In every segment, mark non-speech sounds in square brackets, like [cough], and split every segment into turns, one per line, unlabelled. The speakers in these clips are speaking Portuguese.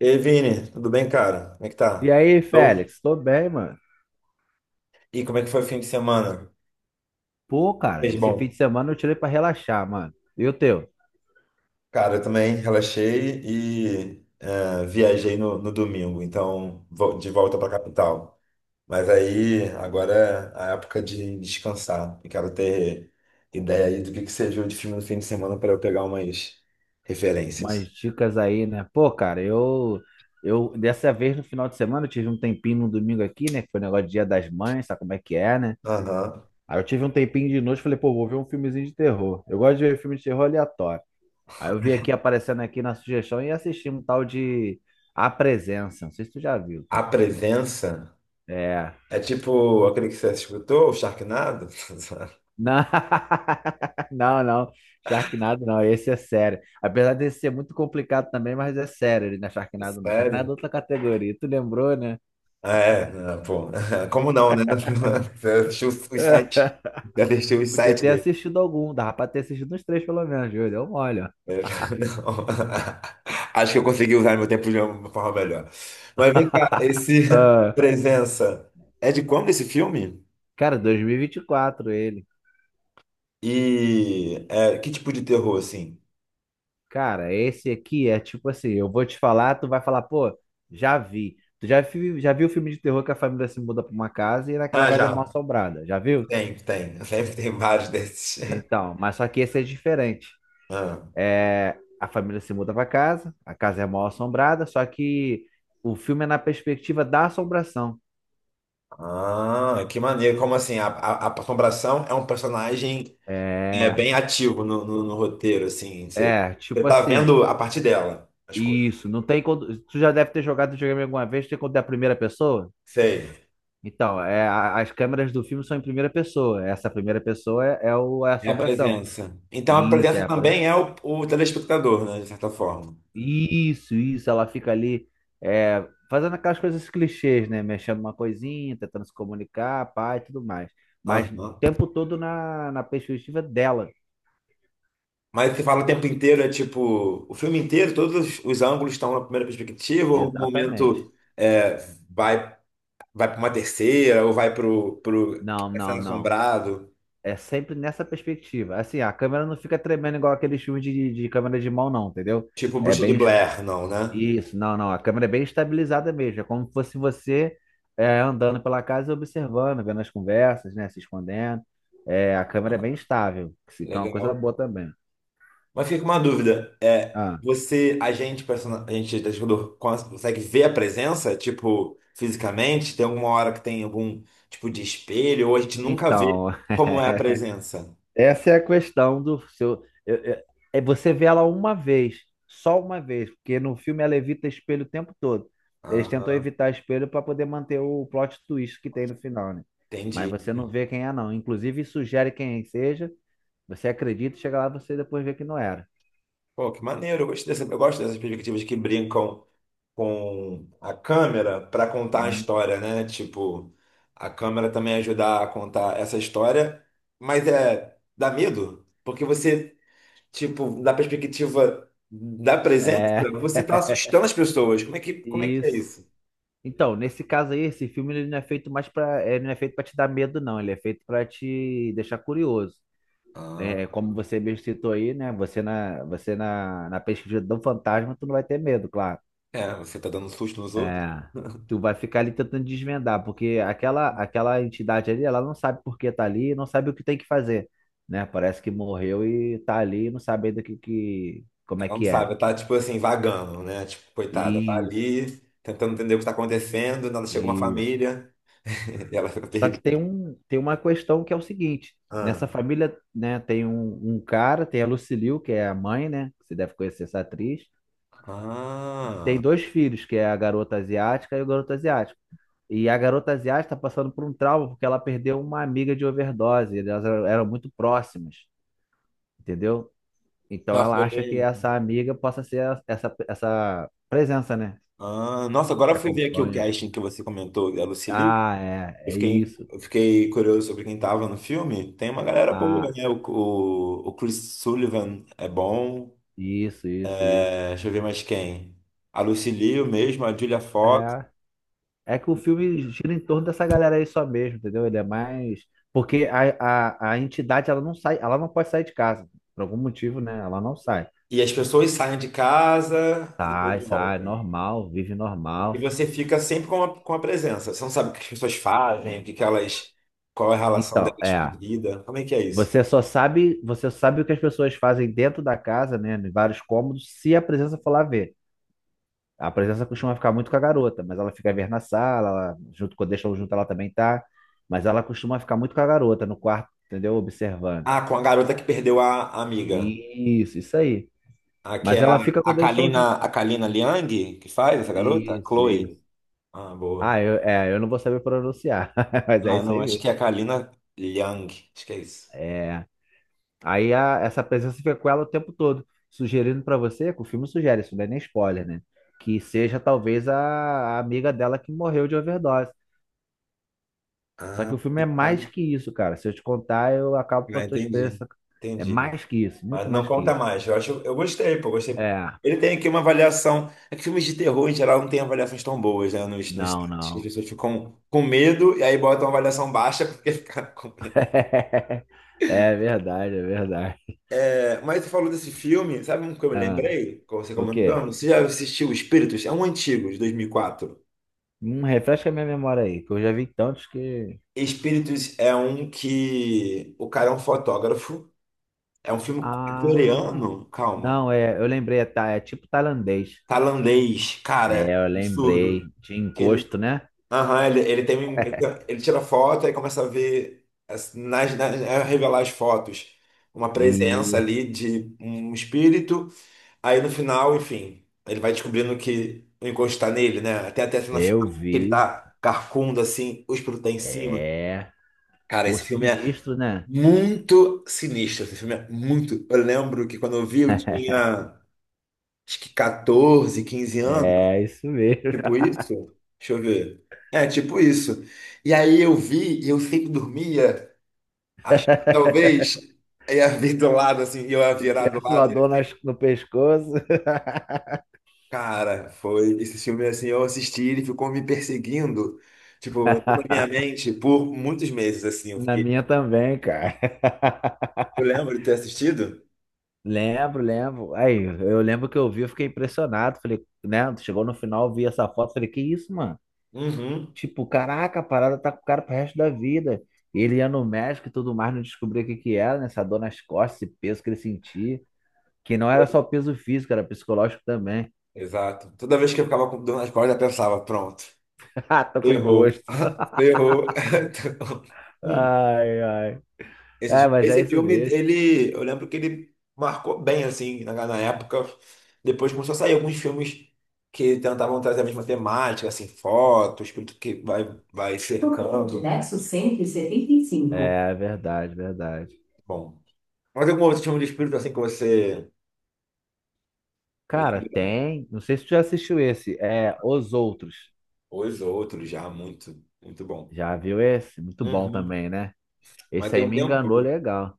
Ei, Vini, tudo bem, cara? Como é que
E
tá?
aí,
Tô.
Félix? Tô bem, mano.
E como é que foi o fim de semana?
Pô, cara,
Fez
esse fim de
bom.
semana eu tirei pra relaxar, mano. E o teu?
Cara, eu também relaxei e viajei no domingo, então de volta pra capital. Mas aí agora é a época de descansar. E quero ter ideia aí do que você viu de filme no fim de semana para eu pegar umas referências.
Umas dicas aí, né? Pô, cara, eu dessa vez no final de semana eu tive um tempinho no domingo aqui, né? Que foi negócio de Dia das Mães, sabe como é que é, né?
Aham.
Aí eu tive um tempinho de noite, falei, pô, vou ver um filmezinho de terror. Eu gosto de ver filme de terror aleatório. Aí eu vi aqui aparecendo aqui na sugestão e assisti um tal de A Presença. Não sei se tu já viu.
A Presença
É.
é tipo aquele que você escutou, o Sharknado? [laughs]
Não. [laughs] Não, não. Sharknado não, esse é sério. Apesar desse ser muito complicado também, mas é sério, ele não é Sharknado não. Sharknado é
Sério?
outra categoria, tu lembrou, né?
É, ah, pô, [laughs] como não, né? [laughs] Eu deixei os
[laughs]
sites, já deixei os
Podia
sites
ter
dele.
assistido algum, dava pra ter assistido uns três pelo menos, Júlio, deu mole, ó.
É, [laughs] não. [laughs] Acho que eu consegui usar meu tempo de uma forma melhor. Mas vem cá, esse [laughs]
Ah,
Presença é de quando esse filme?
cara, 2024, ele.
E que tipo de terror, assim?
Cara, esse aqui é tipo assim, eu vou te falar, tu vai falar, pô, já vi. Tu já, vi, já viu o filme de terror que a família se muda pra uma casa e naquela
Ah,
casa é mal
já,
assombrada, já viu?
tem, tem. [laughs] Sempre tem vários desses. [laughs]
Então, mas só que esse é diferente.
Ah,
É, a família se muda para casa, a casa é mal assombrada, só que o filme é na perspectiva da assombração.
ah, que maneiro. Como assim? A Assombração é um personagem é
É,
bem ativo no roteiro, assim. Você, você
tipo
tá
assim,
vendo a parte dela, as coisas.
isso, não tem quando, tu já deve ter jogado videogame alguma vez, tem quando é a primeira pessoa?
Sei.
Então, é, as câmeras do filme são em primeira pessoa, essa primeira pessoa é a
É a
assombração.
presença. Então a
Isso, é,
presença também é o telespectador, né? De certa forma.
isso, ela fica ali é, fazendo aquelas coisas clichês, né? Mexendo uma coisinha, tentando se comunicar, pá e tudo mais. Mas o
Aham.
tempo todo na, na perspectiva dela.
Mas você fala o tempo inteiro, é tipo, o filme inteiro, todos os ângulos estão na primeira perspectiva, ou um
Exatamente.
momento é, vai, vai para uma terceira, ou vai pro
Não, não,
Castelo
não.
Assombrado,
É sempre nessa perspectiva. Assim, a câmera não fica tremendo igual aqueles filmes de câmera de mão, não, entendeu?
tipo
É
Bruxa de
bem,
Blair, não, né?
isso, não, não. A câmera é bem estabilizada mesmo. É como se fosse você é, andando pela casa e observando, vendo as conversas, né? Se escondendo. É, a câmera é
Ah,
bem estável, que que é uma coisa
legal.
boa também.
Mas fica com uma dúvida. É,
Ah,
você, a gente, persona- a gente, telespectador, consegue ver a presença, tipo, fisicamente? Tem alguma hora que tem algum tipo de espelho, ou a gente nunca vê
então,
como é a
[laughs]
presença?
essa é a questão do seu. É você vê ela uma vez, só uma vez, porque no filme ela evita espelho o tempo todo. Eles tentam
Ah,
evitar espelho para poder manter o plot twist que tem no final, né? Mas você
entendi.
não vê quem é, não. Inclusive, sugere quem seja. Você acredita, e chega lá você depois vê que não era.
Pô, que maneiro. Eu gosto dessas perspectivas que brincam com a câmera para contar a
Sim.
história, né? Tipo, a câmera também ajudar a contar essa história, mas dá medo, porque você tipo, da perspectiva da presença,
É,
você tá
[laughs]
assustando as pessoas. Como é que é
isso.
isso?
Então, nesse caso aí, esse filme ele não é feito mais para, ele não é feito para te dar medo, não. Ele é feito para te deixar curioso.
Ah,
É, é como você mesmo citou aí, né? Você na, na pesquisa do fantasma, tu não vai ter medo, claro.
é, você tá dando susto nos outros.
É, tu vai ficar ali tentando desvendar, porque aquela, aquela entidade ali, ela não sabe por que tá ali, não sabe o que tem que fazer, né? Parece que morreu e tá ali, e não sabe ainda o que, que, como é
Ela não
que é.
sabe, tá tipo assim, vagando, né? Tipo, coitada, tá
Isso,
ali tentando entender o que tá acontecendo, nada chega uma
isso.
família [laughs] e ela fica
Só que tem
perdida.
um, tem uma questão que é o seguinte,
Ah.
nessa família, né, tem um cara, tem a Lucille que é a mãe, né, que você deve conhecer essa atriz, e
Ah.
tem dois filhos, que é a garota asiática e o garoto asiático. E a garota asiática está passando por um trauma porque ela perdeu uma amiga de overdose, elas eram muito próximas, entendeu? Então
Nossa,
ela acha que
olhei.
essa amiga possa ser essa presença, né,
Ah, nossa, agora eu
que
fui ver aqui o
acompanha.
casting que você comentou, a Lucille.
Ah, é, é isso.
Eu fiquei curioso sobre quem tava no filme. Tem uma galera boa,
Ah,
né? O Chris Sullivan é bom.
isso, isso, isso.
É, deixa eu ver mais quem. A Lucy Liu mesmo, a Julia Fox.
É, é que o filme gira em torno dessa galera aí só mesmo, entendeu? Ele é mais. Porque a entidade, ela não sai, ela não pode sair de casa. Por algum motivo, né? Ela não sai.
E as pessoas saem de casa e
Sai,
depois
sai,
voltam.
normal, vive
E
normal.
você fica sempre com a presença. Você não sabe o que as pessoas fazem, o que que elas, qual é a relação
Então,
delas com a
é.
vida. Como é que é isso?
Você só sabe, você sabe o que as pessoas fazem dentro da casa, né? Em vários cômodos, se a presença for lá ver. A presença costuma ficar muito com a garota, mas ela fica a ver na sala, ela, junto com deixa junto, ela também tá. Mas ela costuma ficar muito com a garota no quarto, entendeu? Observando.
Ah, com a garota que perdeu a amiga.
Isso aí.
Que
Mas
é a,
ela fica
a
quando eles estão
Kalina,
juntos.
a Kalina Liang, que faz essa garota?
Isso,
Chloe.
isso.
Ah, boa.
Ah, eu, é, eu não vou saber pronunciar, [laughs] mas é
Ah,
isso
não,
aí
acho
mesmo.
que é a Kalina Liang. Acho que é isso.
É. Aí essa presença fica com ela o tempo todo, sugerindo pra você, que o filme sugere, isso não é nem spoiler, né? Que seja talvez a amiga dela que morreu de overdose. Só
Ah,
que o filme
que
é
tá.
mais que isso, cara. Se eu te contar, eu acabo com a
Ah,
tua
entendi.
experiência. É
Entendi.
mais que isso, muito
Mas não
mais que
conta
isso.
mais. Eu acho, eu gostei, pô, gostei.
É,
Ele tem aqui uma avaliação. É que filmes de terror, em geral, não tem avaliações tão boas, né, nos
não,
sites. As
não.
pessoas ficam com medo e aí botam uma avaliação baixa [laughs] porque ficaram com medo.
[laughs] É verdade, é verdade.
É, mas você falou desse filme, sabe um que eu me
Ah,
lembrei, com você
o quê?
comentando? Você já assistiu Espíritos? É um antigo, de 2004.
Refresca a minha memória aí, que eu já vi tantos que.
Espíritos é um que o cara é um fotógrafo. É um filme
Ah,
coreano, calma.
não, é, eu lembrei, é, é tipo tailandês.
Tailandês, cara,
É, eu
é
lembrei
absurdo.
de
Que ele,
encosto, né?
aham, ele tira foto e começa a ver, a revelar as fotos, uma presença
Isso,
ali de um espírito. Aí no final, enfim, ele vai descobrindo que o encosto está nele, né? Até na
eu
final, que ele
vi.
tá carcundo assim, o espírito tá em cima.
É,
Cara,
por
esse filme é
sinistro, né?
muito sinistro. Esse filme é muito. Eu lembro que quando eu vi, eu
[laughs]
tinha, acho que 14, 15 anos,
É, isso mesmo.
tipo isso. Deixa eu ver. É, tipo isso. E aí eu vi, e eu sempre dormia, acho que
[laughs]
talvez ia vir do lado, assim, eu ia
Se
virar do
tivesse uma
lado.
dor
e-
no pescoço. [laughs]
Cara, foi esse filme, assim, eu assisti, ele ficou me perseguindo, tipo, na minha mente por muitos meses, assim, eu
Na
fiquei...
minha também, cara. [laughs]
Eu lembro de ter assistido?
Lembro, lembro. Aí, eu lembro que eu vi, eu fiquei impressionado. Falei, né? Chegou no final, eu vi essa foto, falei, que isso, mano?
Uhum.
Tipo, caraca, a parada tá com o cara pro resto da vida. E ele ia no médico e tudo mais, não descobria o que que era, né? Essa dor nas costas, esse peso que ele sentia. Que não era só peso físico, era psicológico também.
Exato. Toda vez que eu ficava com dor nas costas, eu pensava, pronto,
[laughs] Ah, tô com
errou,
encosto.
[laughs] errou. [laughs] Então."
Ai, ai. É, mas é
Esse
isso
filme,
mesmo.
ele, eu lembro que ele marcou bem, assim, na época. Depois começou a sair alguns filmes que tentavam trazer a mesma temática, assim, foto, o espírito que vai cercando. Nexo 175.
É, verdade, verdade.
Bom. Mas algum outro filme de espírito, assim, que você
Cara,
lembra?
tem. Não sei se tu já assistiu esse. É, Os Outros.
Os outros já, muito, muito bom.
Já viu esse? Muito bom
Uhum.
também, né?
Mas
Esse
tem
aí
um
me
tempo,
enganou legal.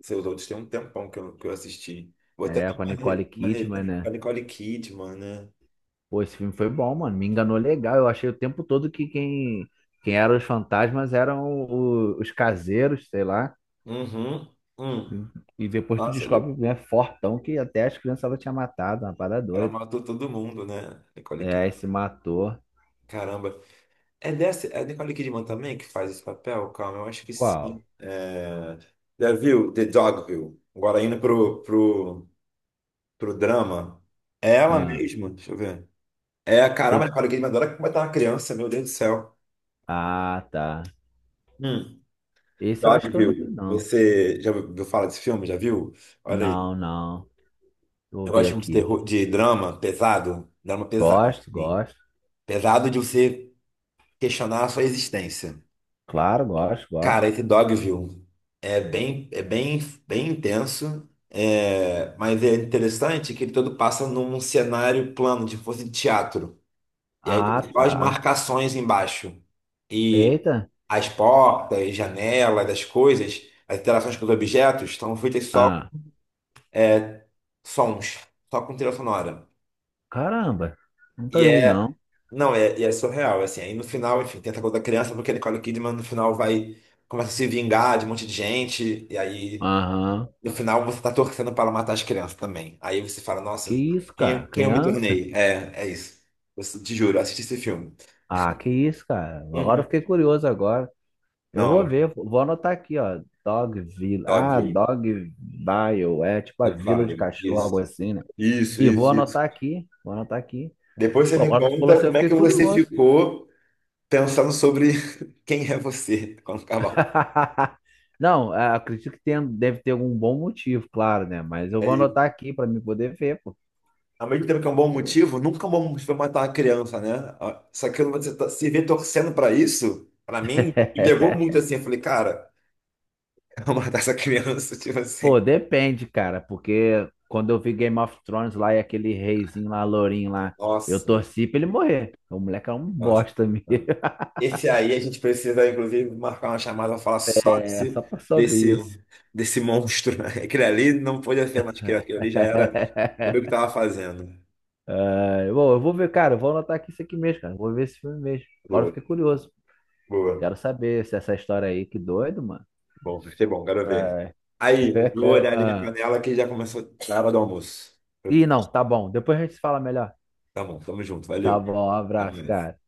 seus outros tem um tempão que eu assisti. Vou até
É,
dar
com a
uma, re-
Nicole
uma re-
Kidman,
com a
né?
Nicole Kidman, né?
Pô, esse filme foi bom, mano. Me enganou legal. Eu achei o tempo todo que quem eram os fantasmas eram os caseiros, sei lá.
Uhum. Hum.
E depois tu
Nossa,
descobre, né, fortão, que até as crianças ela tinha matado, uma parada
ela
doida.
matou todo mundo, né? Nicole
É,
Kidman.
esse matou.
Caramba. É a Nicole Kidman também que faz esse papel? Calma, eu acho que
Qual?
sim. É... Já viu The Dogville? Agora indo pro drama. É ela
Ah,
mesma? Deixa eu ver. É,
tem
caramba,
que...
Nicole Kidman adora como é uma criança, meu Deus do céu.
Ah, tá.
Hum.
Esse eu acho que eu não vi,
Dogville.
não.
Você já ouviu falar desse filme? Já viu? Olha aí.
Não, não. Vou
Eu
ver
gosto muito de
aqui.
terror, de drama pesado. Drama pesado,
Gosto,
sim.
gosto.
Pesado de você questionar a sua existência.
Claro, gosto,
Cara,
gosto.
esse Dogville é bem, é bem, bem intenso, mas é interessante que ele todo passa num cenário plano, de fosse teatro. E aí
Ah,
tem só as
tá.
marcações embaixo. E
Eita.
as portas, janelas, as coisas, as interações com os objetos estão feitas só com
Ah,
sons, só com trilha sonora.
caramba. Nunca
E
vi,
é,
não.
não, é, e é surreal, assim. Aí no final, enfim, tem essa coisa da criança, porque a Nicole Kidman no final começa a se vingar de um monte de gente, e aí.
Aham.
No final, você tá torcendo para matar as crianças também. Aí você fala,
Que
nossa,
isso,
quem,
cara?
quem eu me
Criança?
tornei? É isso. Eu te juro, assisti esse filme.
Ah, que isso, cara? Agora eu
Uhum.
fiquei curioso agora. Eu
Não,
vou ver, vou anotar aqui, ó. Dogville. Ah,
óbvio.
Dogville. É tipo a vila de
Claro,
cachorro, algo
isso.
assim, né?
Isso,
E vou
isso, isso.
anotar aqui. Vou anotar aqui.
Depois você
Pô,
me
agora tu falou
conta
assim, eu
como é
fiquei
que você
curioso.
ficou pensando sobre [laughs] quem é você quando acabar.
[laughs] Não, é, acredito que tem, deve ter algum bom motivo, claro, né? Mas eu
É
vou
isso.
anotar aqui pra me poder ver, pô.
Ao mesmo tempo que é um bom motivo, nunca é um bom motivo pra matar uma criança, né? Só que se vê torcendo pra isso, pra mim, me pegou
[laughs]
muito assim. Eu falei, cara, [laughs] eu vou matar essa criança, [laughs] tipo assim.
Pô, depende, cara, porque quando eu vi Game of Thrones lá e aquele reizinho lá, lourinho lá, eu
Nossa.
torci pra ele morrer. O moleque é um
Nossa.
bosta mesmo. [laughs]
Esse aí a gente precisa, inclusive, marcar uma chamada para falar só
É só pra saber
desse,
isso.
desse monstro, né? Aquele ali não podia ser mais aquele, aquele ali já era, sabia o que
[laughs]
estava fazendo.
É, bom, eu vou ver, cara, eu vou anotar aqui isso aqui mesmo, cara. Eu vou ver esse filme mesmo. Agora eu
Boa,
fiquei curioso. Quero
boa.
saber se essa história aí, que doido, mano.
Bom, vai ser bom, quero ver.
É,
Aí, eu vou
é,
olhar ali minha
ah.
panela que já começou a hora do almoço.
Ih, não, tá bom. Depois a gente se fala melhor.
Tá bom, tamo junto,
Tá
valeu.
bom, um
Até
abraço,
mais.
cara.